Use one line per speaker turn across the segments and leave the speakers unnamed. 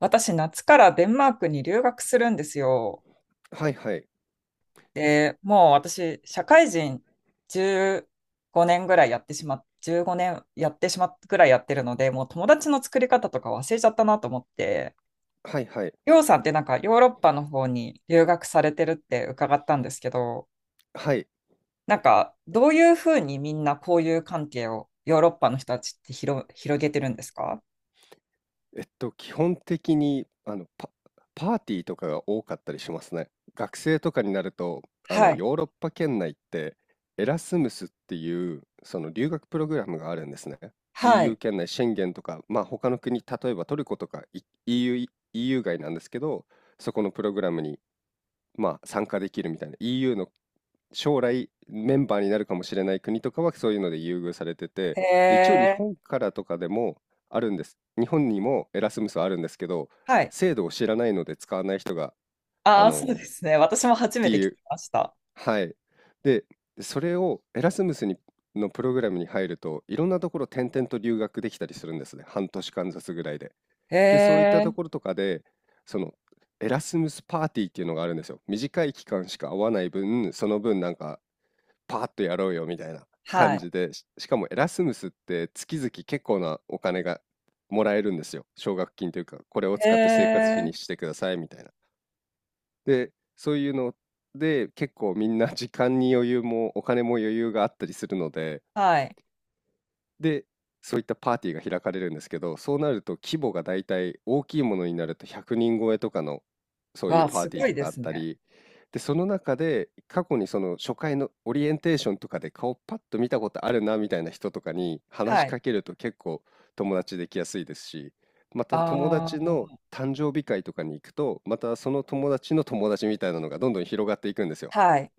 私、夏からデンマークに留学するんですよ。
はいはい。
で、もう私、社会人15年ぐらいやってしまっ、15年やってしまっぐらいやってるので、もう友達の作り方とか忘れちゃったなと思って、
はいはい。
りょうさんってヨーロッパの方に留学されてるって伺ったんですけど、
はい。
どういうふうにみんなこういう関係をヨーロッパの人たちって広げてるんですか？
基本的に、パーティーとかが多かったりしますね。学生とかになると、
はい。
ヨーロッパ圏内って、エラスムスっていう、その留学プログラムがあるんですね。
は
EU
い。
圏内、シェンゲンとか、まあ他の国、例えばトルコとか EU、EU 外なんですけど、そこのプログラムに、まあ、参加できるみたいな、EU の将来メンバーになるかもしれない国とかはそういうので優遇されて
へ
て、で、一応日
え。
本からとかでもあるんです。日本にもエラスムスはあるんですけど、
はい。
制度を知らないので使わない人が、あ
ああ、そう
の、っ
ですね。私も初
て
めて聞
い
き
う、
ました。
はい。で、それをエラスムスにのプログラムに入ると、いろんなところ転々と留学できたりするんですね。半年間ずつぐらいで。
へ
で、そういったと
え、
ころとかで、その、エラスムスパーティーっていうのがあるんですよ。短い期間しか会わない分、その分なんかパーッとやろうよみたいな
は
感
い。
じで、しかもエラスムスって月々結構なお金がもらえるんですよ。奨学金というか、これを
へ
使って生活費
え、
にしてくださいみたいな。で、そういうので結構みんな時間に余裕もお金も余裕があったりするので、
はい。
で、そういったパーティーが開かれるんですけど、そうなると規模がだいたい大きいものになると100人超えとかのそういう
わ、
パー
す
ティ
ご
ーと
いで
かあっ
す
た
ね。
り、で、その中で過去にその初回のオリエンテーションとかで顔パッと見たことあるなみたいな人とかに話
は
し
い。
かけると結構友達できやすいですし、また友
あ
達の
あ、
誕生日会とかに行くと、またその友達の友達みたいなのがどんどん広がっていくんですよ。
はい。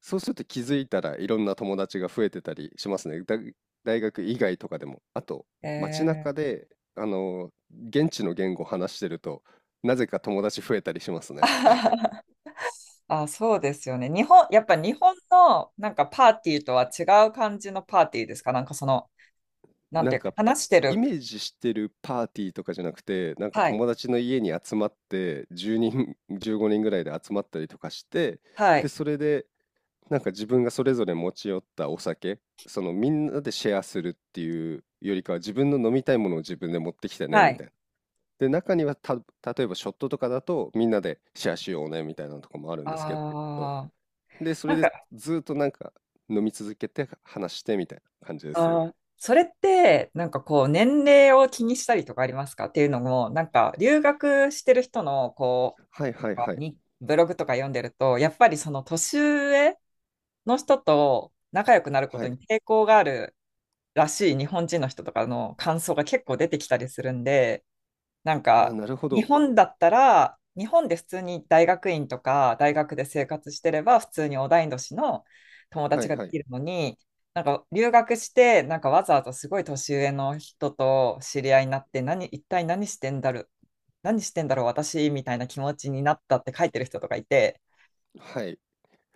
そうすると気づいたらいろんな友達が増えてたりしますね。大学以外とかでも。あと、
へ
街
え、
中で、あの、現地の言語を話してると、なぜか友達増えたりします
あ
ね。
はは。あ、そうですよね。日本、やっぱ日本のパーティーとは違う感じのパーティーですか？その、なん
な
て
ん
いうか、
か、
話して
イ
る。
メージしてるパーティーとかじゃなくて、なんか
はい。
友達の家に集まって、10人、15人ぐらいで集まったりとかして、
はい。
で、それで、なんか自分がそれぞれ持ち寄ったお酒、そのみんなでシェアするっていうよりかは、自分の飲みたいものを自分で持ってきてね、
は
み
い。
たいな。で、中には、例えばショットとかだと、みんなでシェアしようねみたいなとこもあるんですけど、
ああ、
で、そ
な
れ
ん
で
か、
ずっとなんか飲み続けて話してみたいな感じですね。
あーそれって、年齢を気にしたりとかありますか？っていうのも、留学してる人の、こ
はいは
う、
い
か
はい。
にブログとか読んでると、やっぱりその年上の人と仲良くなるこ
は
と
い。
に抵抗があるらしい日本人の人とかの感想が結構出てきたりするんで、なん
ああ、
か、
なるほ
日
ど。
本だったら、日本で普通に大学院とか大学で生活してれば、普通に同い年の友
は
達
い
がで
はい。
きるのに、留学して、わざわざすごい年上の人と知り合いになって、一体何してんだろう、何してんだろう、私みたいな気持ちになったって書いてる人とかいて、
はい。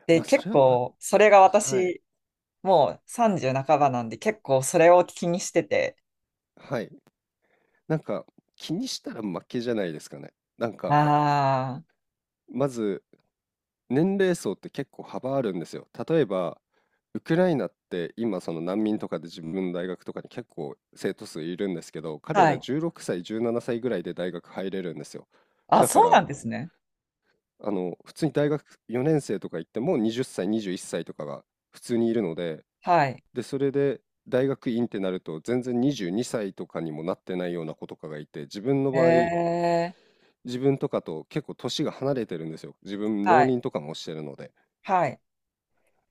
で、
まあ、
結
それは、
構、それが
あ、はい、
私、もう30半ばなんで、結構それを気にしてて、
はい。なんか、気にしたら負けじゃないですかね。なんか、
あ
まず年齢層って結構幅あるんですよ。例えば、ウクライナって今その難民とかで自分の大学とかに結構生徒数いるんですけど、
あ、
彼
は
ら
い。
16歳、17歳ぐらいで大学入れるんですよ。
あ、
だか
そうな
ら、
んですね。
普通に大学4年生とか行っても20歳、21歳とかが普通にいるので、
はい。
で、それで大学院ってなると全然22歳とかにもなってないような子とかがいて、自分の場合、
ええ、
自分とかと結構年が離れてるんですよ。自分
は
浪
い、
人とかもしてるので。
はい。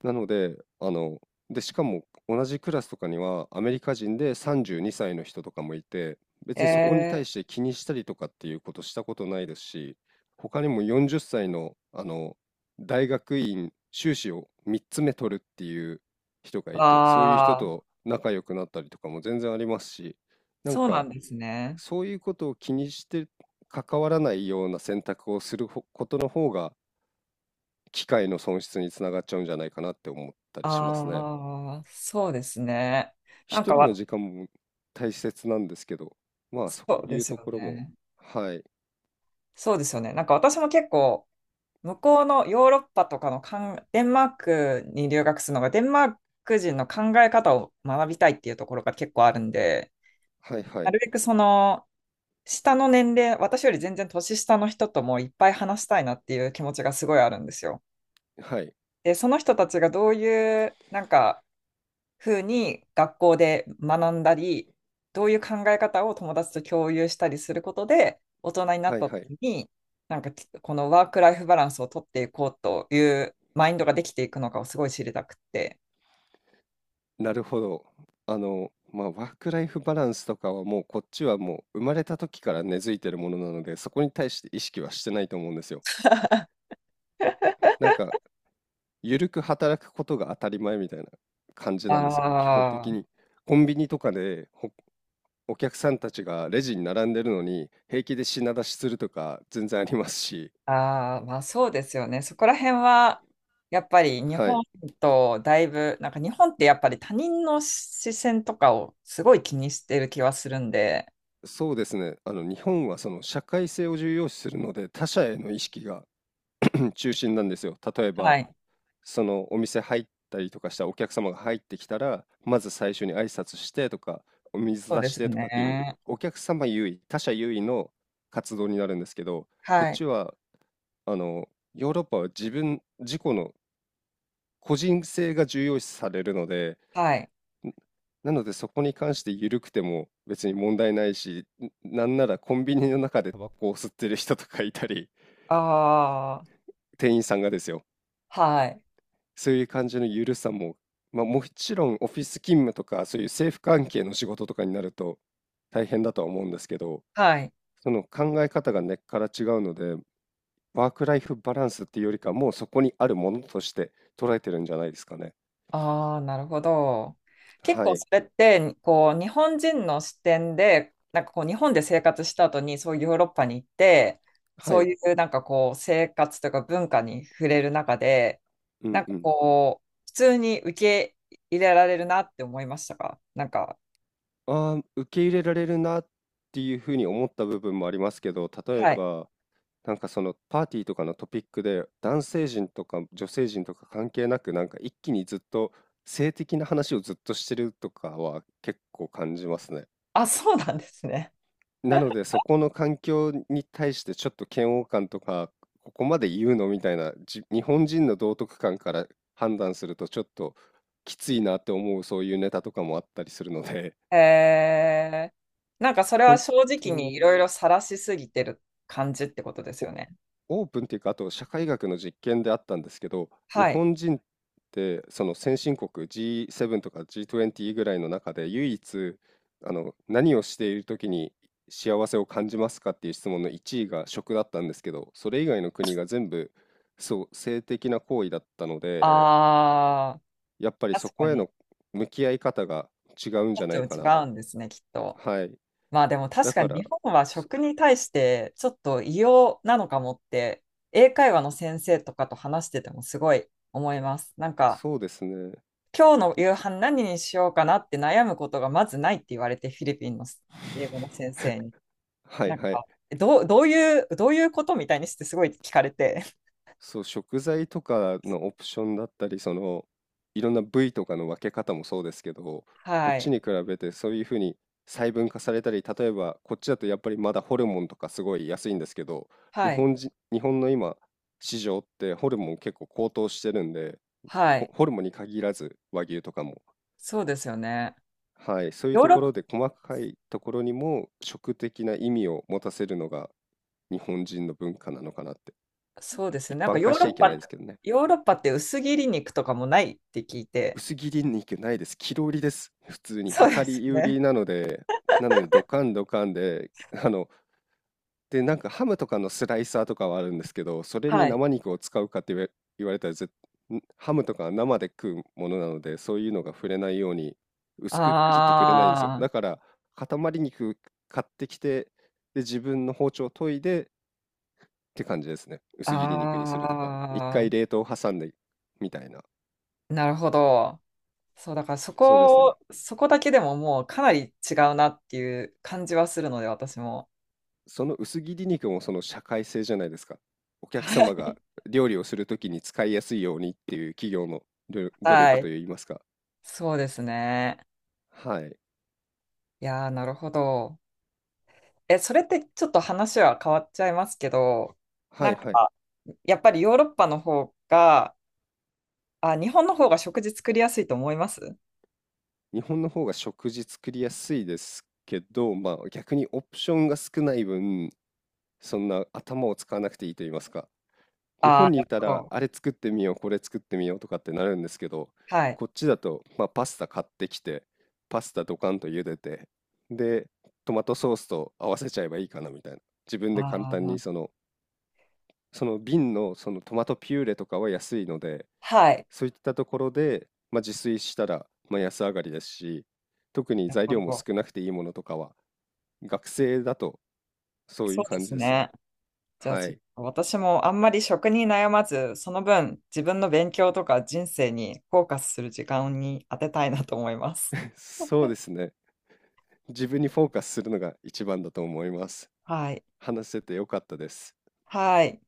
なので、で、しかも同じクラスとかにはアメリカ人で32歳の人とかもいて、別にそこに
え
対
え、
して気にしたりとかっていうことしたことないですし、他にも40歳の、大学院修士を3つ目取るっていう人が
わ
いて、そういう人
あ、
と仲良くなったりとかも全然ありますし、なん
そうな
か
んですね。
そういうことを気にして関わらないような選択をすることの方が機会の損失につながっちゃうんじゃないかなって思ったりしますね。
ああ、そうですね。なん
一
か
人の
わ、
時間も大切なんですけど、まあそ
そう
う
で
いう
す
と
よ
ころも、
ね。
はい。
そうですよね。なんか私も結構、向こうのヨーロッパとかのデンマークに留学するのが、デンマーク人の考え方を学びたいっていうところが結構あるんで、
はいは
な
い。
るべくその、下の年齢、私より全然年下の人ともいっぱい話したいなっていう気持ちがすごいあるんですよ。
はい。
で、その人たちがどういう、風に学校で学んだり、どういう考え方を友達と共有したりすることで、大人になっ
はい
た
はい。
時に、なんか、このワークライフバランスを取っていこうというマインドができていくのかをすごい知りたくて。
なるほど。まあワークライフバランスとかはもうこっちはもう生まれた時から根付いてるものなので、そこに対して意識はしてないと思うんですよ。なんか、ゆるく働くことが当たり前みたいな感じなんですよ、基本
あ
的に。コンビニとかでお客さんたちがレジに並んでるのに平気で品出しするとか全然ありますし、
あ、ああ、まあそうですよね。そこら辺は、やっぱり日
は
本
い、
とだいぶ、なんか日本ってやっぱり他人の視線とかをすごい気にしてる気はするんで、
そうですね。日本はその社会性を重要視するので他者への意識がうん中心なんですよ。例え
は
ば
い。
そのお店入ったりとかしたらお客様が入ってきたらまず最初に挨拶してとかお水
そう
出
で
し
す
てとかっていう
ね。
お客様優位他者優位の活動になるんですけど、こっ
はい。
ちはあのヨーロッパは自己の個人性が重要視されるので、
はい。
んなのでそこに関して緩くても別に問題ないし、なんならコンビニの中でタバコを吸ってる人とかいたり、
ああ、
店員さんがですよ。
はい。
そういう感じの緩さも、まあ、もちろんオフィス勤務とかそういう政府関係の仕事とかになると大変だとは思うんですけど、
はい。
その考え方が根っから違うので、ワークライフバランスっていうよりかもうそこにあるものとして捉えてるんじゃないですかね。
ああ、なるほど。結
は
構
い。
それって、こう、日本人の視点で、日本で生活した後に、そういうヨーロッパに行って、
は
そう
い。
いうなんかこう、生活とか文化に触れる中で、
うんうん。
普通に受け入れられるなって思いましたか？
ああ、受け入れられるなっていうふうに思った部分もありますけど、例え
はい。
ば、なんかそのパーティーとかのトピックで、男性陣とか女性陣とか関係なく、なんか一気にずっと性的な話をずっとしてるとかは結構感じますね。
あ、そうなんですね。
なので、そこの環境に対してちょっと嫌悪感とか、ここまで言うのみたいな、日本人の道徳観から判断するとちょっときついなって思うそういうネタとかもあったりするので、
へえ。なんかそれは
本
正
当
直にい
に。
ろいろ晒しすぎてる感じってことですよね。
オープンっていうか、あと社会学の実験であったんですけど、日
はい。
本人ってその先進国 G7 とか G20 ぐらいの中で唯一何をしている時に幸せを感じますかっていう質問の1位が食だったんですけど、それ以外の国が全部そう性的な行為だったので、
ああ、
やっぱりそ
確か
こへ
に。
の向き合い方が違うんじゃ
ち
ない
ょっと
か
違
な。
うんですね、きっと。
はい。
まあでも確
だ
か
か
に日
ら、
本は
そ
食に対してちょっと異様なのかもって、英会話の先生とかと話しててもすごい思います。
そうですね。
今日の夕飯何にしようかなって悩むことがまずないって言われて、フィリピンの英語の先生に。
はい
なん
はい。
か、どういうことみたいにしてすごい聞かれて。
そう、食材とかのオプションだったり、いろんな部位とかの分け方もそうですけど、こっ
はい。
ちに比べてそういうふうに細分化されたり、例えばこっちだとやっぱりまだホルモンとかすごい安いんですけど、
はい。
日本の今、市場ってホルモン結構高騰してるんで、
はい。
ホルモンに限らず和牛とかも、
そうですよね。
はい、そういう
ヨー
と
ロッ
こ
パ、
ろで細かいところにも食的な意味を持たせるのが日本人の文化なのかなって、
そうですよ
一
ね。
般化しちゃいけないですけどね。
ヨーロッパって薄切り肉とかもないって聞いて。
薄切り肉ないです。切り売りです。普通に
そうで
量
す
り売
ね。
りなので、なのでドカンドカンで、で、なんかハムとかのスライサーとかはあるんですけど、それ
は
に
い。
生肉を使うかって言われたら、ハムとかは生で食うものなので、そういうのが触れないように薄く切ってくれないんですよ。
あ
だから、塊肉買ってきて、で、自分の包丁研いでって感じですね。薄切り肉にするとか。一
あ、
回
あ
冷凍挟んでみたいな。
あ、なるほど。そう、だから
そうですね。
そこだけでももうかなり違うなっていう感じはするので、私も。
その薄切り肉もその社会性じゃないですか。お客
は
様
い。
が料理をするときに使いやすいようにっていう企業の努
は
力
い。
といいますか。
そうですね。
はい。
いやー、なるほど。え、それってちょっと話は変わっちゃいますけど、
は
なん
いはい。
か、やっぱりヨーロッパの方が、あ、日本の方が食事作りやすいと思います？
日本の方が食事作りやすいですけど、まあ逆にオプションが少ない分、そんな頭を使わなくていいと言いますか。日
ああ
本
ー
に
な
い
る
た
ほ
ら
ど。
あれ作ってみようこれ作ってみようとかってなるんですけど、
はい。
こっちだと、まあ、パスタ買ってきてパスタドカンと茹でて、でトマトソースと合わせちゃえばいいかなみたいな、自分で簡
あ
単
あ、
にその瓶のそのトマトピューレとかは安いので、
はい。
そういったところで、まあ、自炊したら、まあ、安上がりですし、特に
なる
材
ほ
料も
ど。
少なくていいものとかは学生だとそうい
そう
う
で
感じ
す
ですね。
ね。じゃあ、
は
ちょっ
い。
と私もあんまり食に悩まず、その分、自分の勉強とか人生にフォーカスする時間に当てたいなと思います。
そうですね。自分にフォーカスするのが一番だと思います。
はい。
話せてよかったです。
はい。